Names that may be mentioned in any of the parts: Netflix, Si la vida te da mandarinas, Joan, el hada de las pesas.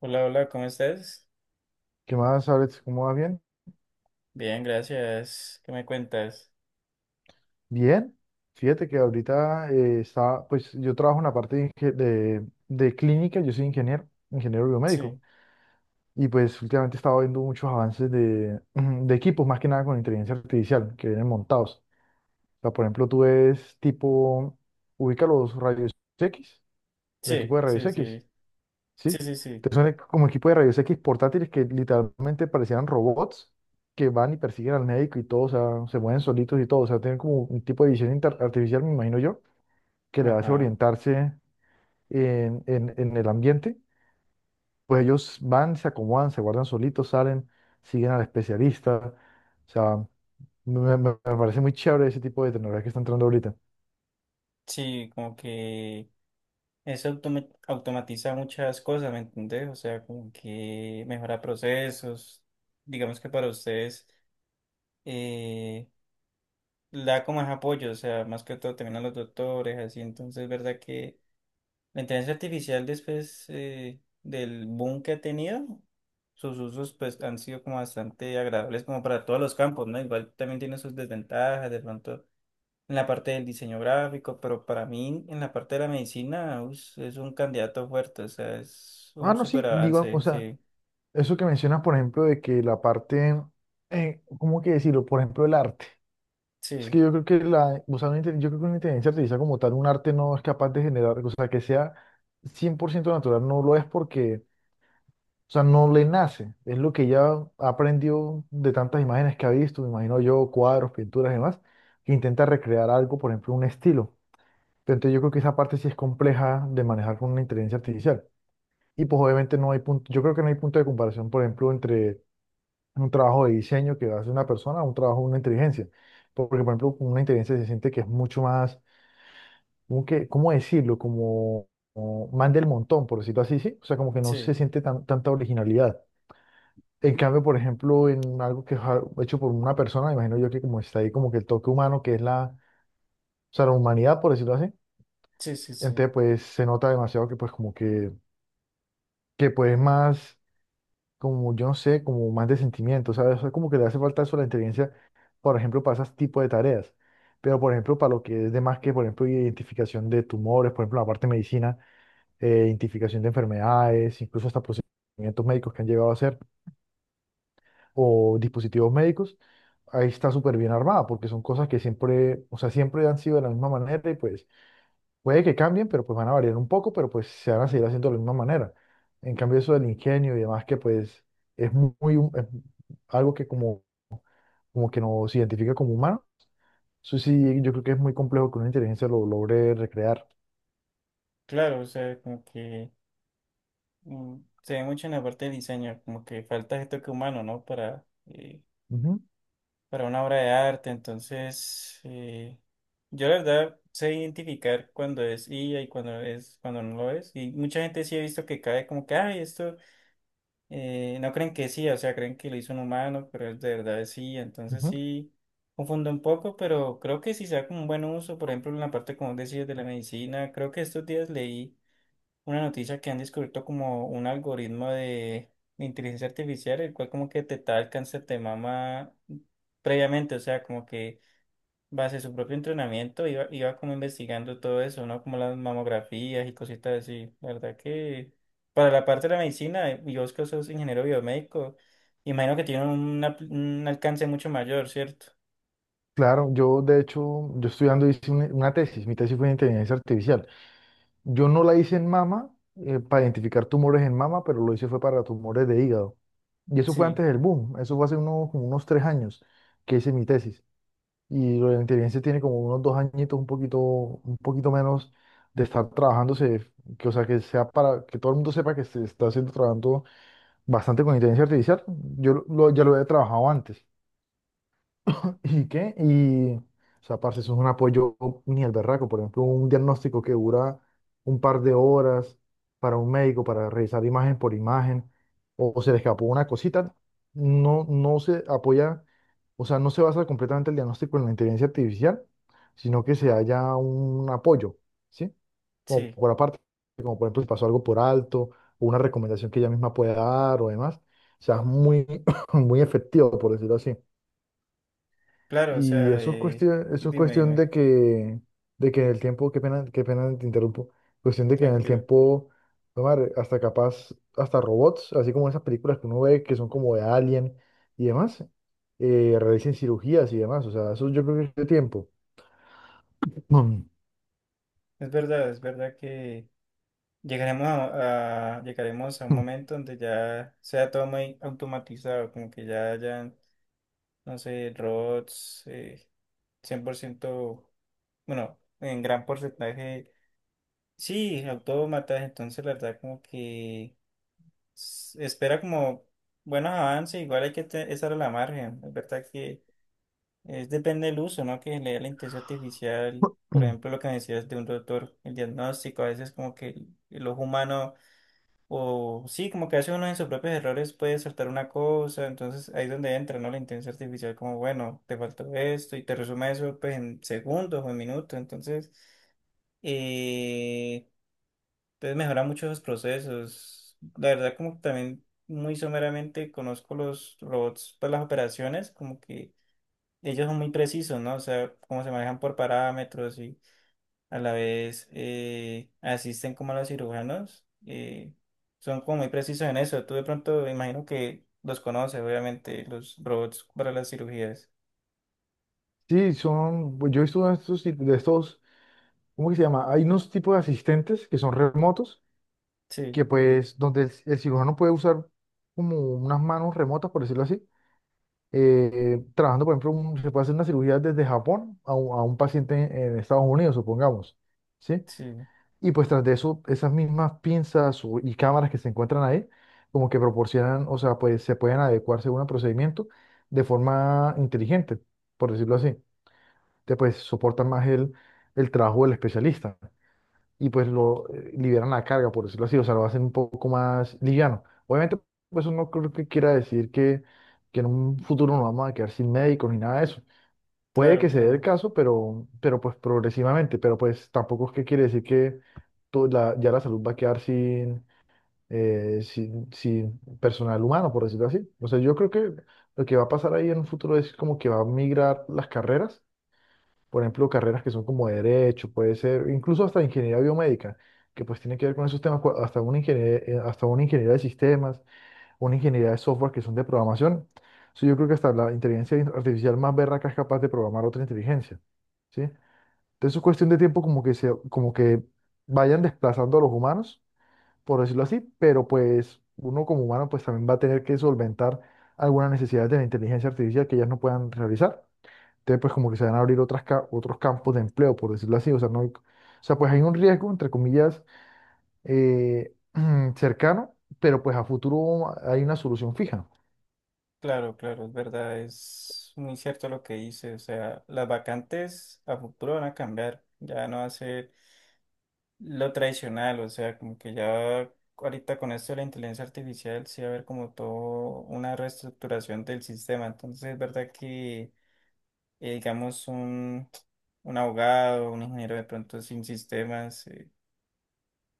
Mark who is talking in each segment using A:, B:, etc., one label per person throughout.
A: Hola, hola, ¿cómo estás?
B: ¿Qué más, Alex? ¿Cómo vas? ¿Bien?
A: Bien, gracias. ¿Qué me cuentas?
B: Bien. Fíjate que ahorita estaba, pues yo trabajo en la parte de, de clínica, yo soy ingeniero, ingeniero biomédico,
A: Sí,
B: y pues últimamente he estado viendo muchos avances de equipos, más que nada con inteligencia artificial, que vienen montados. O sea, por ejemplo, tú ves tipo, ubica los rayos X, los
A: sí,
B: equipos de rayos
A: sí, sí,
B: X.
A: sí,
B: ¿Sí?
A: sí, sí.
B: Entonces son como equipo de rayos X portátiles que literalmente parecían robots que van y persiguen al médico y todo, o sea, se mueven solitos y todo, o sea, tienen como un tipo de visión artificial, me imagino yo, que le hace
A: Ajá.
B: orientarse en el ambiente. Pues ellos van, se acomodan, se guardan solitos, salen, siguen al especialista. O sea, me parece muy chévere ese tipo de tecnología que está entrando ahorita.
A: Sí, como que automatiza muchas cosas, ¿me entendés? O sea, como que mejora procesos. Digamos que para ustedes, eh, le da como más apoyo, o sea, más que todo también a los doctores, así. Entonces, ¿verdad que la inteligencia artificial, después del boom que ha tenido, sus usos pues han sido como bastante agradables como para todos los campos, ¿no? Igual también tiene sus desventajas de pronto en la parte del diseño gráfico, pero para mí en la parte de la medicina es un candidato fuerte, o sea, es
B: Ah,
A: un
B: no,
A: súper
B: sí, digo, o
A: avance.
B: sea,
A: Sí,
B: eso que mencionas, por ejemplo, de que la parte, ¿cómo que decirlo? Por ejemplo, el arte. Es
A: sí,
B: que yo creo que la, o sea, yo creo que una inteligencia artificial como tal, un arte no es capaz de generar, o sea, que sea 100% natural, no lo es porque, o sea, no le nace. Es lo que ya aprendió de tantas imágenes que ha visto, me imagino yo, cuadros, pinturas y demás, que intenta recrear algo, por ejemplo, un estilo. Pero entonces yo creo que esa parte sí es compleja de manejar con una inteligencia artificial. Y pues obviamente no hay punto, yo creo que no hay punto de comparación, por ejemplo, entre un trabajo de diseño que hace una persona a un trabajo de una inteligencia. Porque, por ejemplo, con una inteligencia se siente que es mucho más como que, ¿cómo decirlo? Como man del montón, por decirlo así, ¿sí? O sea, como que no se
A: sí,
B: siente tanta originalidad. En cambio, por ejemplo, en algo que es hecho por una persona, me imagino yo que como está ahí como que el toque humano, que es la, o sea, la humanidad, por decirlo así,
A: sí, sí, sí.
B: entonces pues se nota demasiado que pues como que pues más, como yo no sé, como más de sentimiento, ¿sabes? O sea, como que le hace falta eso a la inteligencia, por ejemplo, para ese tipo de tareas. Pero, por ejemplo, para lo que es de más que, por ejemplo, identificación de tumores, por ejemplo, la parte de medicina identificación de enfermedades, incluso hasta procedimientos médicos que han llegado a hacer o dispositivos médicos, ahí está súper bien armada porque son cosas que siempre, o sea, siempre han sido de la misma manera y pues puede que cambien, pero pues van a variar un poco, pero pues se van a seguir haciendo de la misma manera. En cambio, eso del ingenio y demás que pues es muy, es algo que como que nos identifica como humanos, eso sí, yo creo que es muy complejo que una inteligencia lo logre recrear.
A: Claro, o sea, como que se ve mucho en la parte del diseño, como que falta este toque humano, ¿no? Para
B: Ujú,
A: para una obra de arte. Entonces, yo la verdad sé identificar cuando es IA y cuando no lo es. Y mucha gente sí he visto que cae como que, ay, esto, no creen que sí, o sea, creen que lo hizo un humano, pero es de verdad es IA. Entonces
B: ujú.
A: sí confundo un poco, pero creo que sí sea como un buen uso, por ejemplo, en la parte como decías de la medicina. Creo que estos días leí una noticia que han descubierto como un algoritmo de inteligencia artificial, el cual como que detectaba el cáncer de mama previamente, o sea, como que base su propio entrenamiento iba como investigando todo eso, ¿no? Como las mamografías y cositas así. La verdad que para la parte de la medicina, y vos que sos ingeniero biomédico, imagino que tiene un alcance mucho mayor, ¿cierto?
B: Claro, yo de hecho, yo estudiando hice una tesis, mi tesis fue en inteligencia artificial. Yo no la hice en mama, para identificar tumores en mama, pero lo hice fue para tumores de hígado. Y eso fue
A: Sí,
B: antes del boom, eso fue hace unos, como unos 3 años que hice mi tesis. Y lo de la inteligencia tiene como unos 2 añitos, un poquito menos de estar trabajándose, que, o sea, que sea para que todo el mundo sepa que se está haciendo trabajando bastante con inteligencia artificial. Yo ya lo había trabajado antes. ¿Y qué? Y, o sea, parce, eso es un apoyo ni el berraco. Por ejemplo, un diagnóstico que dura un par de horas para un médico para revisar imagen por imagen, o se le escapó una cosita, no se apoya, o sea, no se basa completamente el diagnóstico en la inteligencia artificial, sino que se haya un apoyo, ¿sí? Como
A: sí,
B: por aparte, como por ejemplo, si pasó algo por alto, o una recomendación que ella misma pueda dar o demás, o sea, es muy efectivo, por decirlo así.
A: claro, o
B: Y
A: sea,
B: eso es
A: dime,
B: cuestión
A: dime,
B: de que en el tiempo, qué pena te interrumpo, cuestión de que en el
A: tranquilo.
B: tiempo, tomar hasta capaz, hasta robots, así como esas películas que uno ve que son como de Alien y demás, realicen cirugías y demás, o sea, eso yo creo que es tiempo. Mm.
A: Es verdad que llegaremos a un momento donde ya sea todo muy automatizado, como que ya hayan, no sé, robots, cien por ciento, bueno, en gran porcentaje, sí, autómatas. Entonces la verdad como que espera como buenos avances. Igual hay que estar a la margen. Es verdad que es, depende del uso, ¿no? Que le dé la inteligencia artificial. Por ejemplo, lo que me decías de un doctor, el diagnóstico, a veces como que el ojo humano, o sí, como que hace uno en sus propios errores, puede saltar una cosa, entonces ahí es donde entra, ¿no? La inteligencia artificial, como, bueno, te faltó esto y te resume eso pues en segundos o en minutos. Entonces, eh, entonces mejora mucho los procesos. La verdad como que también muy someramente conozco los robots para las operaciones, como que ellos son muy precisos, ¿no? O sea, cómo se manejan por parámetros y a la vez, asisten como a los cirujanos. Son como muy precisos en eso. Tú de pronto me imagino que los conoces, obviamente, los robots para las cirugías.
B: Sí, son, pues yo he visto uno de estos, de estos, ¿cómo que se llama? Hay unos tipos de asistentes que son remotos,
A: Sí,
B: que pues, donde el cirujano puede usar como unas manos remotas, por decirlo así, trabajando, por ejemplo, se puede hacer una cirugía desde Japón a un, paciente en Estados Unidos, supongamos, ¿sí?
A: sí,
B: Y pues tras de eso, esas mismas pinzas y cámaras que se encuentran ahí, como que proporcionan, o sea, pues se pueden adecuar según el procedimiento de forma inteligente, por decirlo así. Entonces, pues soportan más el trabajo del especialista y pues lo liberan la carga, por decirlo así, o sea, lo hacen un poco más liviano. Obviamente, pues eso no creo que quiera decir que en un futuro nos vamos a quedar sin médicos ni nada de eso. Puede
A: claro,
B: que se dé el
A: claro,
B: caso, pero pues progresivamente, pero pues tampoco es que quiere decir que ya la salud va a quedar sin personal humano, por decirlo así. O sea, yo creo que lo que va a pasar ahí en un futuro es como que va a migrar las carreras, por ejemplo, carreras que son como derecho, puede ser, incluso hasta ingeniería biomédica, que pues tiene que ver con esos temas, hasta una ingeniería de sistemas, una ingeniería de software que son de programación. So, yo creo que hasta la inteligencia artificial más berraca es capaz de programar otra inteligencia, ¿sí? Entonces es cuestión de tiempo como que se, como que vayan desplazando a los humanos, por decirlo así, pero pues uno como humano pues también va a tener que solventar algunas necesidades de la inteligencia artificial que ellas no puedan realizar. Entonces, pues como que se van a abrir otras, otros campos de empleo, por decirlo así. O sea, no hay- o sea, pues hay un riesgo, entre comillas, eh, cercano, pero pues a futuro hay una solución fija.
A: claro, claro, es verdad, es muy cierto lo que dice. O sea, las vacantes a futuro van a cambiar, ya no va a ser lo tradicional. O sea, como que ya ahorita con esto de la inteligencia artificial sí va a haber como todo una reestructuración del sistema. Entonces es verdad que, digamos, un abogado, un ingeniero de pronto sin sistemas.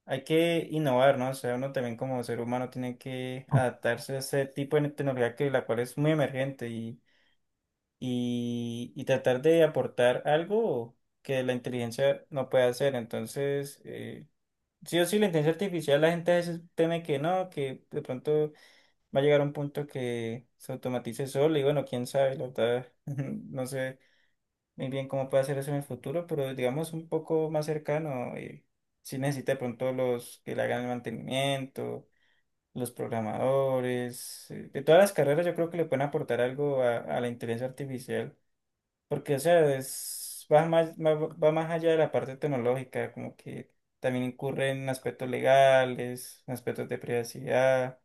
A: Hay que innovar, ¿no? O sea, uno también como ser humano tiene que adaptarse a ese tipo de tecnología, que la cual es muy emergente, y tratar de aportar algo que la inteligencia no puede hacer. Entonces, sí o sí, la inteligencia artificial, la gente a veces teme que no, que de pronto va a llegar a un punto que se automatice solo y, bueno, quién sabe, la verdad, no sé muy bien cómo puede hacer eso en el futuro, pero digamos un poco más cercano, si necesita de pronto los que le hagan el mantenimiento, los programadores, de todas las carreras yo creo que le pueden aportar algo a la inteligencia artificial, porque o sea, es, va más, va más allá de la parte tecnológica, como que también incurre en aspectos legales, en aspectos de privacidad.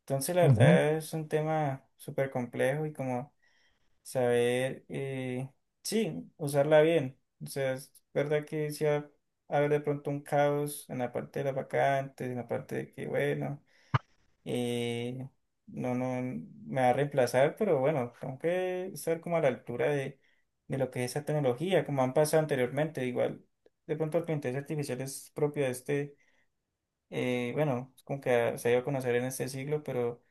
A: Entonces la
B: Ujú.
A: verdad es un tema súper complejo y como saber, sí, usarla bien. O sea, es verdad que sí va a haber de pronto un caos en la parte de las vacantes, en la parte de que, bueno, eh, no, no me va a reemplazar, pero bueno, tengo que estar como a la altura de lo que es esa tecnología, como han pasado anteriormente. Igual, de pronto la inteligencia artificial es propia de este, bueno, es como que se ha ido a conocer en este siglo, pero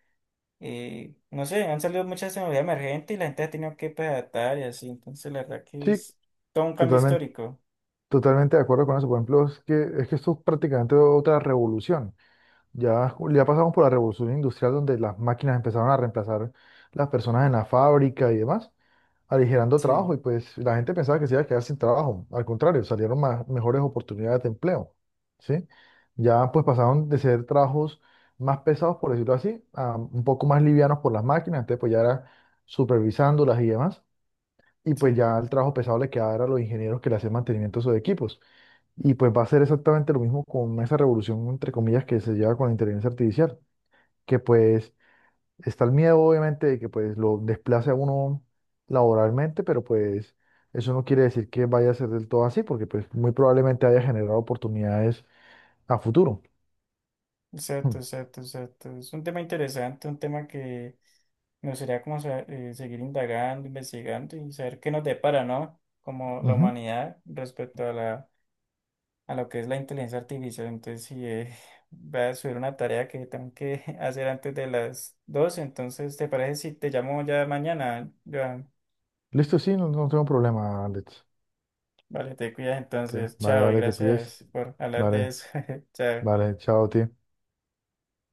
A: y no sé, han salido muchas tecnologías emergentes y la gente ha tenido que, pues, adaptar y así. Entonces, la verdad que
B: Sí,
A: es todo un cambio
B: totalmente,
A: histórico.
B: totalmente de acuerdo con eso. Por ejemplo, es que esto es prácticamente otra revolución. Ya, ya pasamos por la revolución industrial donde las máquinas empezaron a reemplazar las personas en la fábrica y demás, aligerando
A: Sí,
B: trabajo y pues la gente pensaba que se iba a quedar sin trabajo. Al contrario, salieron más, mejores oportunidades de empleo, ¿sí? Ya pues pasaron de ser trabajos más pesados, por decirlo así, a un poco más livianos por las máquinas, entonces pues ya era supervisándolas y demás. Y pues
A: sí,
B: ya el trabajo pesado le quedaba era a los ingenieros que le hacían mantenimiento a sus equipos. Y pues va a ser exactamente lo mismo con esa revolución, entre comillas, que se lleva con la inteligencia artificial, que pues está el miedo, obviamente, de que pues lo desplace a uno laboralmente, pero pues eso no quiere decir que vaya a ser del todo así, porque pues muy probablemente haya generado oportunidades a futuro.
A: exacto,
B: Mm,
A: exacto, exacto. Es un tema interesante, un tema que me gustaría como seguir indagando, investigando y saber qué nos depara, ¿no? Como la
B: ujú.
A: humanidad respecto a la, a lo que es la inteligencia artificial. Entonces, sí, voy a subir una tarea que tengo que hacer antes de las 12. Entonces, ¿te parece si te llamo ya mañana, Joan?
B: Listo, sí, no, no tengo problema, Alex.
A: Vale, te cuidas entonces.
B: Vale,
A: Chao y
B: vale, te cuides.
A: gracias por hablar de
B: Vale,
A: eso. Chao.
B: vale, chao, tío.